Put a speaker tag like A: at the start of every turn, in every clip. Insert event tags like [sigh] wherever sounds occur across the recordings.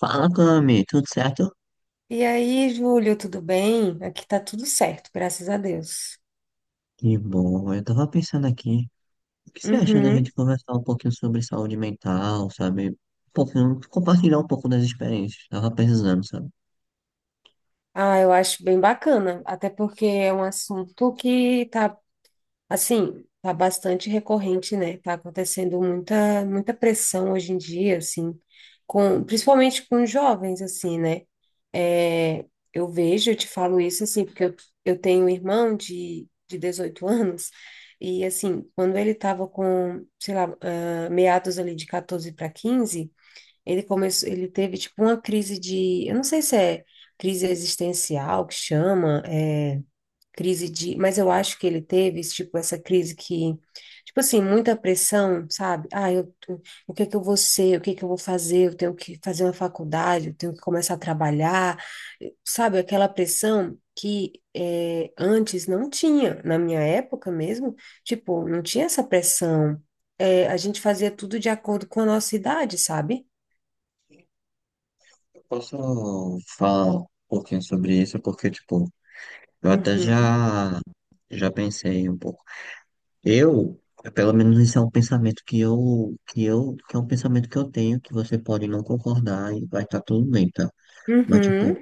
A: Fala, Cami, tudo certo?
B: E aí, Júlio, tudo bem? Aqui tá tudo certo, graças a Deus.
A: Que bom, eu tava pensando aqui, o que você acha da
B: Uhum.
A: gente conversar um pouquinho sobre saúde mental, sabe? Um pouquinho, compartilhar um pouco das experiências, tava precisando, sabe?
B: Ah, eu acho bem bacana, até porque é um assunto que tá, assim, tá bastante recorrente, né? Tá acontecendo muita, muita pressão hoje em dia, assim, principalmente com jovens, assim, né? É, eu te falo isso, assim, porque eu tenho um irmão de 18 anos, e, assim, quando ele tava com, sei lá, meados ali de 14 para quinze. Ele começou, ele teve tipo uma crise de, eu não sei se é crise existencial que chama, é crise de, mas eu acho que ele teve tipo essa crise que, tipo assim, muita pressão, sabe? Ah, o que que eu vou ser? O que que eu vou fazer? Eu tenho que fazer uma faculdade, eu tenho que começar a trabalhar, sabe? Aquela pressão que é, antes não tinha, na minha época mesmo, tipo, não tinha essa pressão. É, a gente fazia tudo de acordo com a nossa idade, sabe?
A: Eu posso falar um pouquinho sobre isso, porque, tipo, eu até
B: Uhum,
A: já pensei um pouco. É pelo menos esse é um pensamento que é um pensamento que eu tenho, que você pode não concordar e vai estar tudo bem, tá? Mas, tipo,
B: uhum,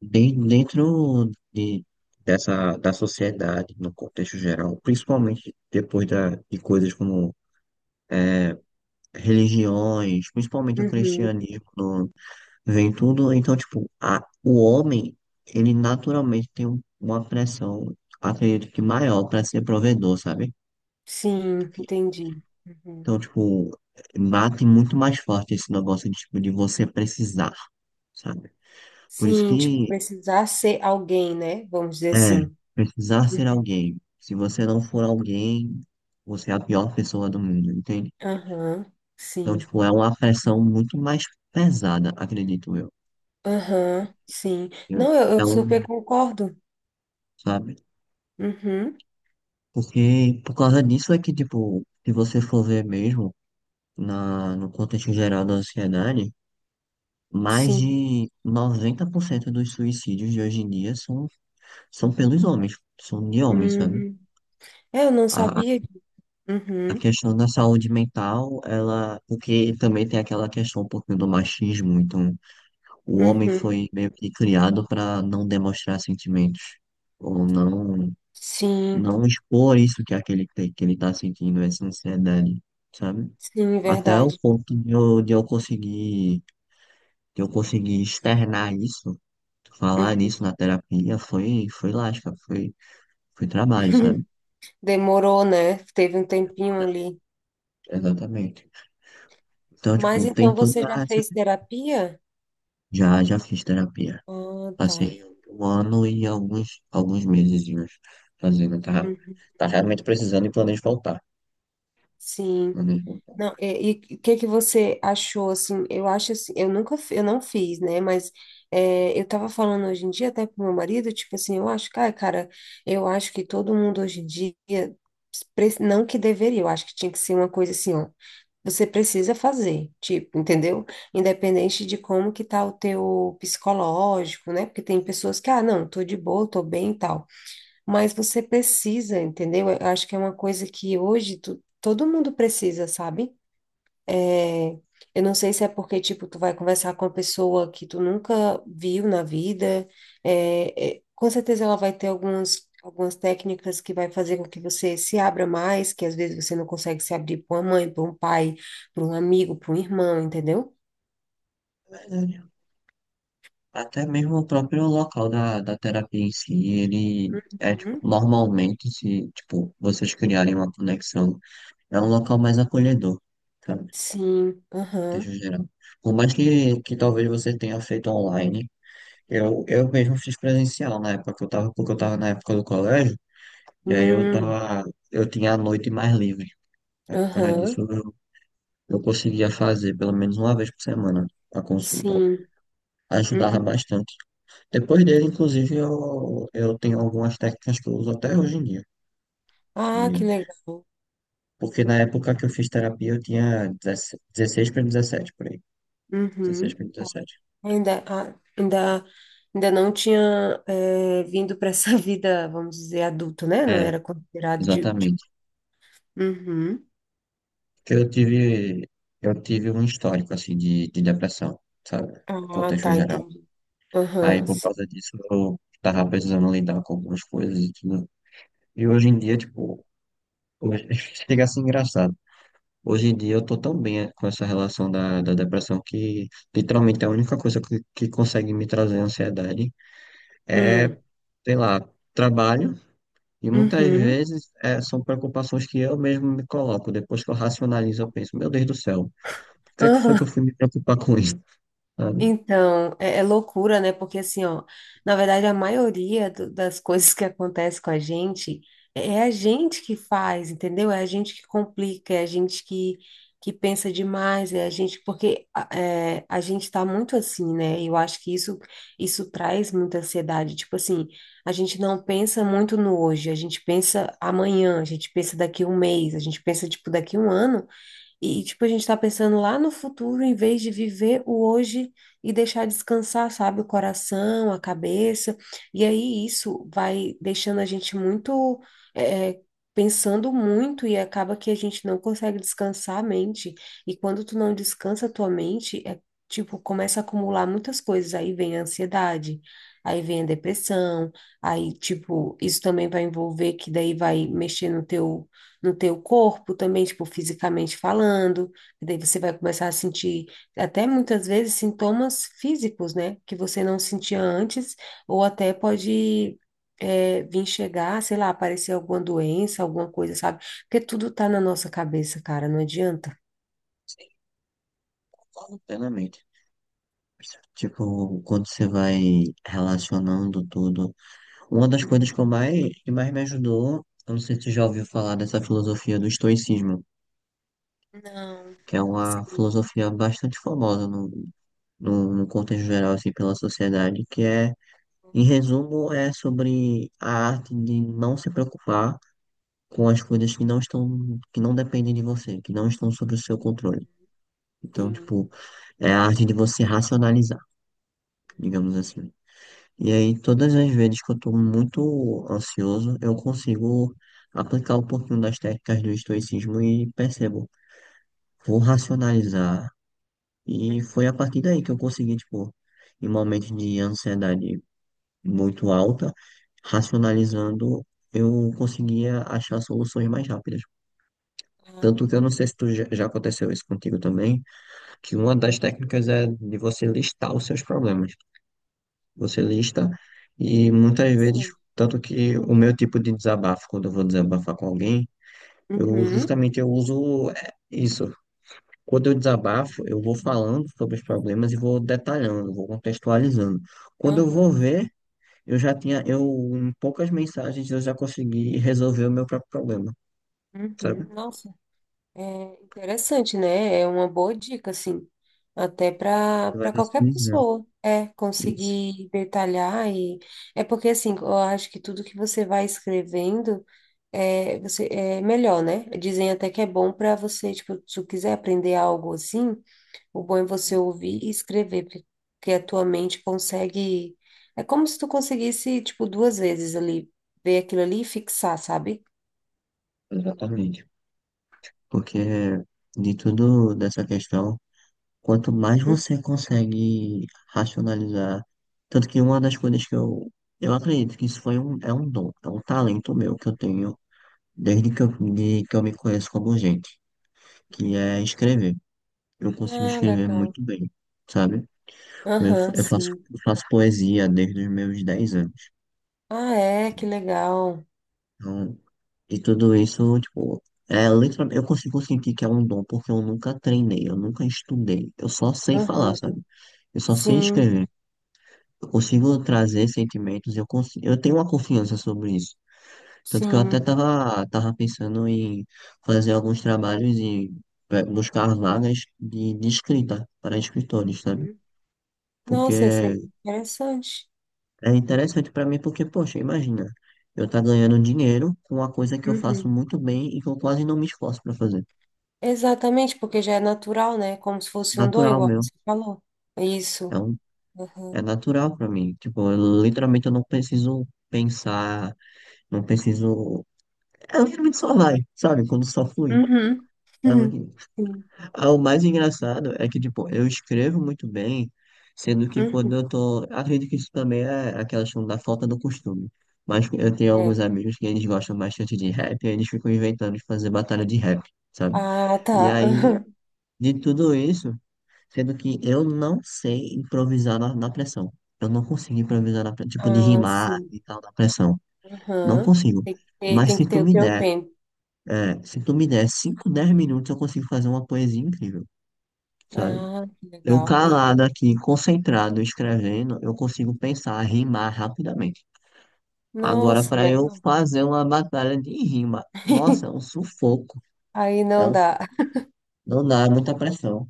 A: dentro da sociedade, no contexto geral, principalmente depois de coisas como religiões, principalmente o
B: uhum.
A: cristianismo, vem tudo. Então, tipo, o homem, ele naturalmente tem uma pressão, acredito que maior para ser provedor, sabe?
B: Sim, entendi. Uhum.
A: Então, tipo, bate muito mais forte esse negócio tipo, de você precisar, sabe? Por isso
B: Sim, tipo,
A: que
B: precisar ser alguém, né? Vamos dizer
A: É,
B: assim.
A: precisar ser
B: Uhum.
A: alguém. Se você não for alguém, você é a pior pessoa do mundo, entende?
B: Aham,
A: Então,
B: sim.
A: tipo, é uma pressão muito mais pesada, acredito eu.
B: Aham, sim. Não, eu
A: Então,
B: super concordo.
A: sabe?
B: Uhum,
A: Porque por causa disso é que, tipo, se você for ver mesmo no contexto geral da sociedade, mais
B: sim.
A: de 90% dos suicídios de hoje em dia são pelos homens, são de homens, sabe?
B: Uhum. É, eu não
A: A,
B: sabia.
A: A
B: Uhum,
A: questão da saúde mental, ela, porque também tem aquela questão um pouquinho do machismo, então o homem
B: uhum.
A: foi meio que criado para não demonstrar sentimentos, ou não,
B: Sim,
A: não expor isso que é aquele que ele tá sentindo, essa ansiedade, sabe?
B: sim,
A: Até o
B: verdade.
A: ponto de eu conseguir externar isso, falar
B: Uhum.
A: nisso na terapia, foi, foi lasca, foi trabalho, sabe?
B: [laughs] Demorou, né? Teve um tempinho ali.
A: Exatamente. Então,
B: Mas
A: tipo, tem
B: então
A: toda
B: você já
A: essa
B: fez terapia?
A: Já fiz terapia.
B: Ah, tá.
A: Passei um ano e alguns meses fazendo. Tá,
B: Uhum.
A: tá realmente precisando e planejo voltar.
B: Sim.
A: Planejo voltar.
B: Não, e o que que você achou assim? Eu acho assim, eu nunca fi- eu não fiz, né? Mas eu tava falando hoje em dia até com meu marido, tipo assim, eu acho que, ai, cara, eu acho que todo mundo hoje em dia não que deveria, eu acho que tinha que ser uma coisa assim, ó. Você precisa fazer, tipo, entendeu? Independente de como que tá o teu psicológico, né? Porque tem pessoas que, ah, não, tô de boa, tô bem e tal, mas você precisa, entendeu? Eu acho que é uma coisa que hoje tu- todo mundo precisa, sabe? É, eu não sei se é porque, tipo, tu vai conversar com uma pessoa que tu nunca viu na vida, com certeza ela vai ter algumas técnicas que vai fazer com que você se abra mais, que às vezes você não consegue se abrir para uma mãe, para um pai, para um amigo, para um irmão, entendeu?
A: É verdade. Até mesmo o próprio local da terapia em si, ele é, tipo,
B: Hum,
A: normalmente, se, tipo, vocês criarem uma conexão, é um local mais acolhedor, sabe? No
B: Sim, aham,
A: contexto geral. Por mais que talvez você tenha feito online, eu mesmo fiz presencial na época que eu tava, porque eu tava na época do colégio. E aí
B: hum,
A: eu tinha a noite mais livre. Aí por causa disso,
B: aham,
A: eu conseguia fazer pelo menos uma vez por semana a consulta.
B: sim,
A: Ajudava
B: uhum.
A: bastante. Depois dele, inclusive, eu tenho algumas técnicas que eu uso até hoje em dia.
B: Ah, que
A: E
B: legal.
A: porque na época que eu fiz terapia, eu tinha 16 para 17, por aí. 16
B: Uhum.
A: para 17.
B: Ainda, a- ainda, ainda não tinha vindo para essa [laughs] vida, vamos dizer, adulta, né? Não
A: É,
B: era considerado.
A: exatamente.
B: Uhum.
A: Porque eu tive um histórico, assim, de depressão, sabe? No
B: Ah,
A: contexto
B: tá,
A: geral.
B: entendi.
A: Aí,
B: Aham,
A: por
B: sim.
A: causa disso, eu tava precisando lidar com algumas coisas e tudo. E hoje em dia, tipo, hoje- [laughs] chega a ser engraçado. Hoje em dia eu tô tão bem com essa relação da depressão que literalmente a única coisa que consegue me trazer ansiedade é,
B: Hum,
A: sei lá, trabalho. E muitas
B: uhum.
A: vezes são preocupações que eu mesmo me coloco. Depois que eu racionalizo, eu penso, meu Deus do céu, por que é que foi que eu
B: Aham.
A: fui me preocupar com isso? Sabe?
B: Então, é loucura, né? Porque assim, ó, na verdade, a maioria das coisas que acontece com a gente é a gente que faz, entendeu? É a gente que complica, é a gente que pensa demais, é a gente, porque a gente tá muito assim, né? E eu acho que isso traz muita ansiedade. Tipo assim, a gente não pensa muito no hoje, a gente pensa amanhã, a gente pensa daqui um mês, a gente pensa, tipo, daqui um ano. E, tipo, a gente tá pensando lá no futuro em vez de viver o hoje e deixar descansar, sabe, o coração, a cabeça. E aí isso vai deixando a gente muito, é, é, pensando muito e acaba que a gente não consegue descansar a mente. E quando tu não descansa a tua mente, é, tipo, começa a acumular muitas coisas. Aí vem a ansiedade, aí vem a depressão, aí, tipo, isso também vai envolver que daí vai mexer no teu corpo também, tipo, fisicamente falando, e daí você vai começar a sentir até muitas vezes sintomas físicos, né, que você não sentia antes, ou até pode vir chegar, sei lá, aparecer alguma doença, alguma coisa, sabe? Porque tudo tá na nossa cabeça, cara, não adianta.
A: Sim, concordo plenamente. Tipo, quando você vai relacionando tudo. Uma das
B: Uhum.
A: coisas que eu mais, que mais me ajudou, eu não sei se você já ouviu falar dessa filosofia do estoicismo,
B: Não,
A: que é
B: que
A: uma
B: seria?
A: filosofia bastante famosa no contexto geral, assim, pela sociedade, que é, em resumo, é sobre a arte de não se preocupar com as coisas que não estão, que não dependem de você, que não estão sob o seu controle. Então,
B: Sim.
A: tipo, é a arte de você racionalizar, digamos assim. E aí, todas as vezes que eu estou muito ansioso, eu consigo aplicar um pouquinho das técnicas do estoicismo e percebo, vou racionalizar. E
B: Uhum.
A: foi a partir daí que eu consegui, tipo, em momentos de ansiedade muito alta, racionalizando, eu conseguia achar soluções mais rápidas.
B: Ah,
A: Tanto que eu não
B: entendi.
A: sei se tu já aconteceu isso contigo também, que uma das técnicas é de você listar os seus problemas. Você
B: Hum,
A: lista, e muitas vezes,
B: Interessante.
A: tanto que o meu tipo de desabafo, quando eu vou desabafar com alguém, eu
B: Uhum.
A: justamente eu uso é, isso. Quando eu desabafo, eu vou falando sobre os problemas e vou detalhando, vou contextualizando. Quando eu vou
B: Aham.
A: ver, eu já tinha, eu, em poucas mensagens, eu já consegui resolver o meu próprio problema, sabe?
B: Uhum. Nossa. É interessante, né? É uma boa dica, assim, até para
A: Você vai
B: para qualquer
A: racionalizando.
B: pessoa, é
A: Isso,
B: conseguir detalhar e é porque assim, eu acho que tudo que você vai escrevendo é você é melhor, né? Dizem até que é bom para você, tipo, se tu quiser aprender algo assim, o bom é você ouvir e escrever, porque a tua mente consegue é como se tu conseguisse, tipo, duas vezes ali ver aquilo ali e fixar, sabe?
A: exatamente. Porque de tudo dessa questão. Quanto mais você consegue racionalizar, tanto que uma das coisas que eu acredito que isso foi um, é um dom, é um talento meu que eu tenho desde que eu me conheço como gente, que
B: Uhum.
A: é escrever. Eu consigo
B: Ah,
A: escrever
B: legal.
A: muito bem, sabe?
B: Aham, sim.
A: Eu faço poesia desde os meus 10 anos.
B: Ah, é, que legal.
A: Então, e tudo isso, tipo, eu consigo sentir que é um dom porque eu nunca treinei, eu nunca estudei, eu só sei falar, sabe?
B: Uhum.
A: Eu só sei
B: Sim,
A: escrever. Eu consigo trazer sentimentos, eu tenho uma confiança sobre isso. Tanto que eu até
B: sim.
A: tava pensando em fazer alguns trabalhos e buscar vagas de escrita para escritores, sabe?
B: Uhum.
A: Porque
B: Nossa, ia ser bem interessante.
A: é interessante para mim, porque, poxa, imagina, eu tá ganhando dinheiro com uma coisa que eu faço
B: Uhum.
A: muito bem e que eu quase não me esforço para fazer.
B: Exatamente, porque já é natural, né? Como se
A: É
B: fosse um dom,
A: natural
B: igual
A: meu,
B: você falou. É
A: é,
B: isso.
A: um,
B: Uhum.
A: é natural para mim. Tipo, literalmente eu não preciso pensar, não preciso. É, literalmente só vai, sabe? Quando só flui.
B: Uhum. [laughs]
A: Tá
B: Uhum.
A: muito
B: Sim.
A: Ah, o mais engraçado é que, tipo, eu escrevo muito bem, sendo que quando
B: Uhum.
A: eu tô. Acredito que isso também é aquela questão da falta do costume. Mas eu tenho alguns
B: É.
A: amigos que eles gostam bastante de rap, e eles ficam inventando de fazer batalha de rap, sabe?
B: Ah,
A: E
B: tá.
A: aí,
B: [laughs] Uhum.
A: de tudo isso, sendo que eu não sei improvisar na pressão. Eu não consigo improvisar na pressão, tipo, de
B: Ah,
A: rimar
B: sim.
A: e tal, na pressão. Não
B: Uhum.
A: consigo. Mas
B: Tem
A: se
B: que
A: tu
B: ter o
A: me
B: teu
A: der,
B: tempo.
A: é, se tu me der 5, 10 minutos, eu consigo fazer uma poesia incrível. Sabe?
B: Ah, que
A: Eu
B: legal.
A: calado
B: Uhum.
A: aqui, concentrado, escrevendo, eu consigo pensar, rimar rapidamente. Agora,
B: Nossa,
A: para eu
B: legal.
A: fazer uma batalha de rima, nossa, é um
B: [laughs]
A: sufoco.
B: Aí
A: É
B: não
A: um, su-
B: dá.
A: não dá, é muita pressão.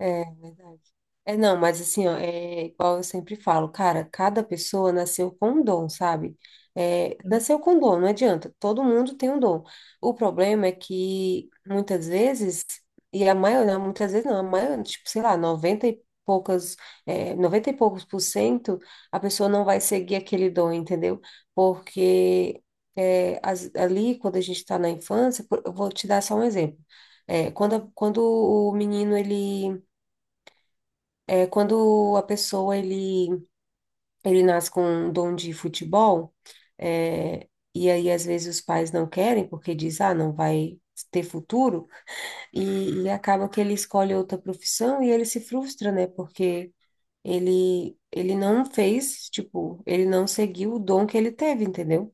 B: É, verdade. É, não, mas assim, ó, é igual eu sempre falo, cara, cada pessoa nasceu com um dom, sabe? É, nasceu com um dom, não adianta, todo mundo tem um dom. O problema é que muitas vezes, e a maioria, muitas vezes não, a maioria, tipo, sei lá, 90 e poucas, 90 e poucos por cento, a pessoa não vai seguir aquele dom, entendeu? Porque ali, quando a gente está na infância, eu vou te dar só um exemplo. É, quando, quando o menino, ele quando a pessoa ele, nasce com um dom de futebol, é, e aí às vezes os pais não querem porque diz, ah, não vai ter futuro, e acaba que ele escolhe outra profissão e ele se frustra, né? Porque ele não fez, tipo, ele não seguiu o dom que ele teve, entendeu?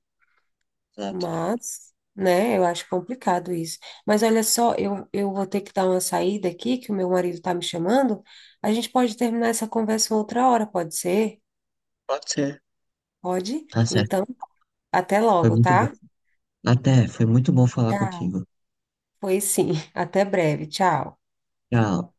A: Exato,
B: Mas, né, eu acho complicado isso. Mas olha só, eu vou ter que dar uma saída aqui, que o meu marido tá me chamando. A gente pode terminar essa conversa outra hora, pode ser?
A: pode ser.
B: Pode?
A: Tá certo,
B: Então, até
A: foi
B: logo,
A: muito bom.
B: tá?
A: Até, foi muito bom falar
B: Tchau.
A: contigo.
B: Pois sim, [laughs] até breve. Tchau.
A: Tchau.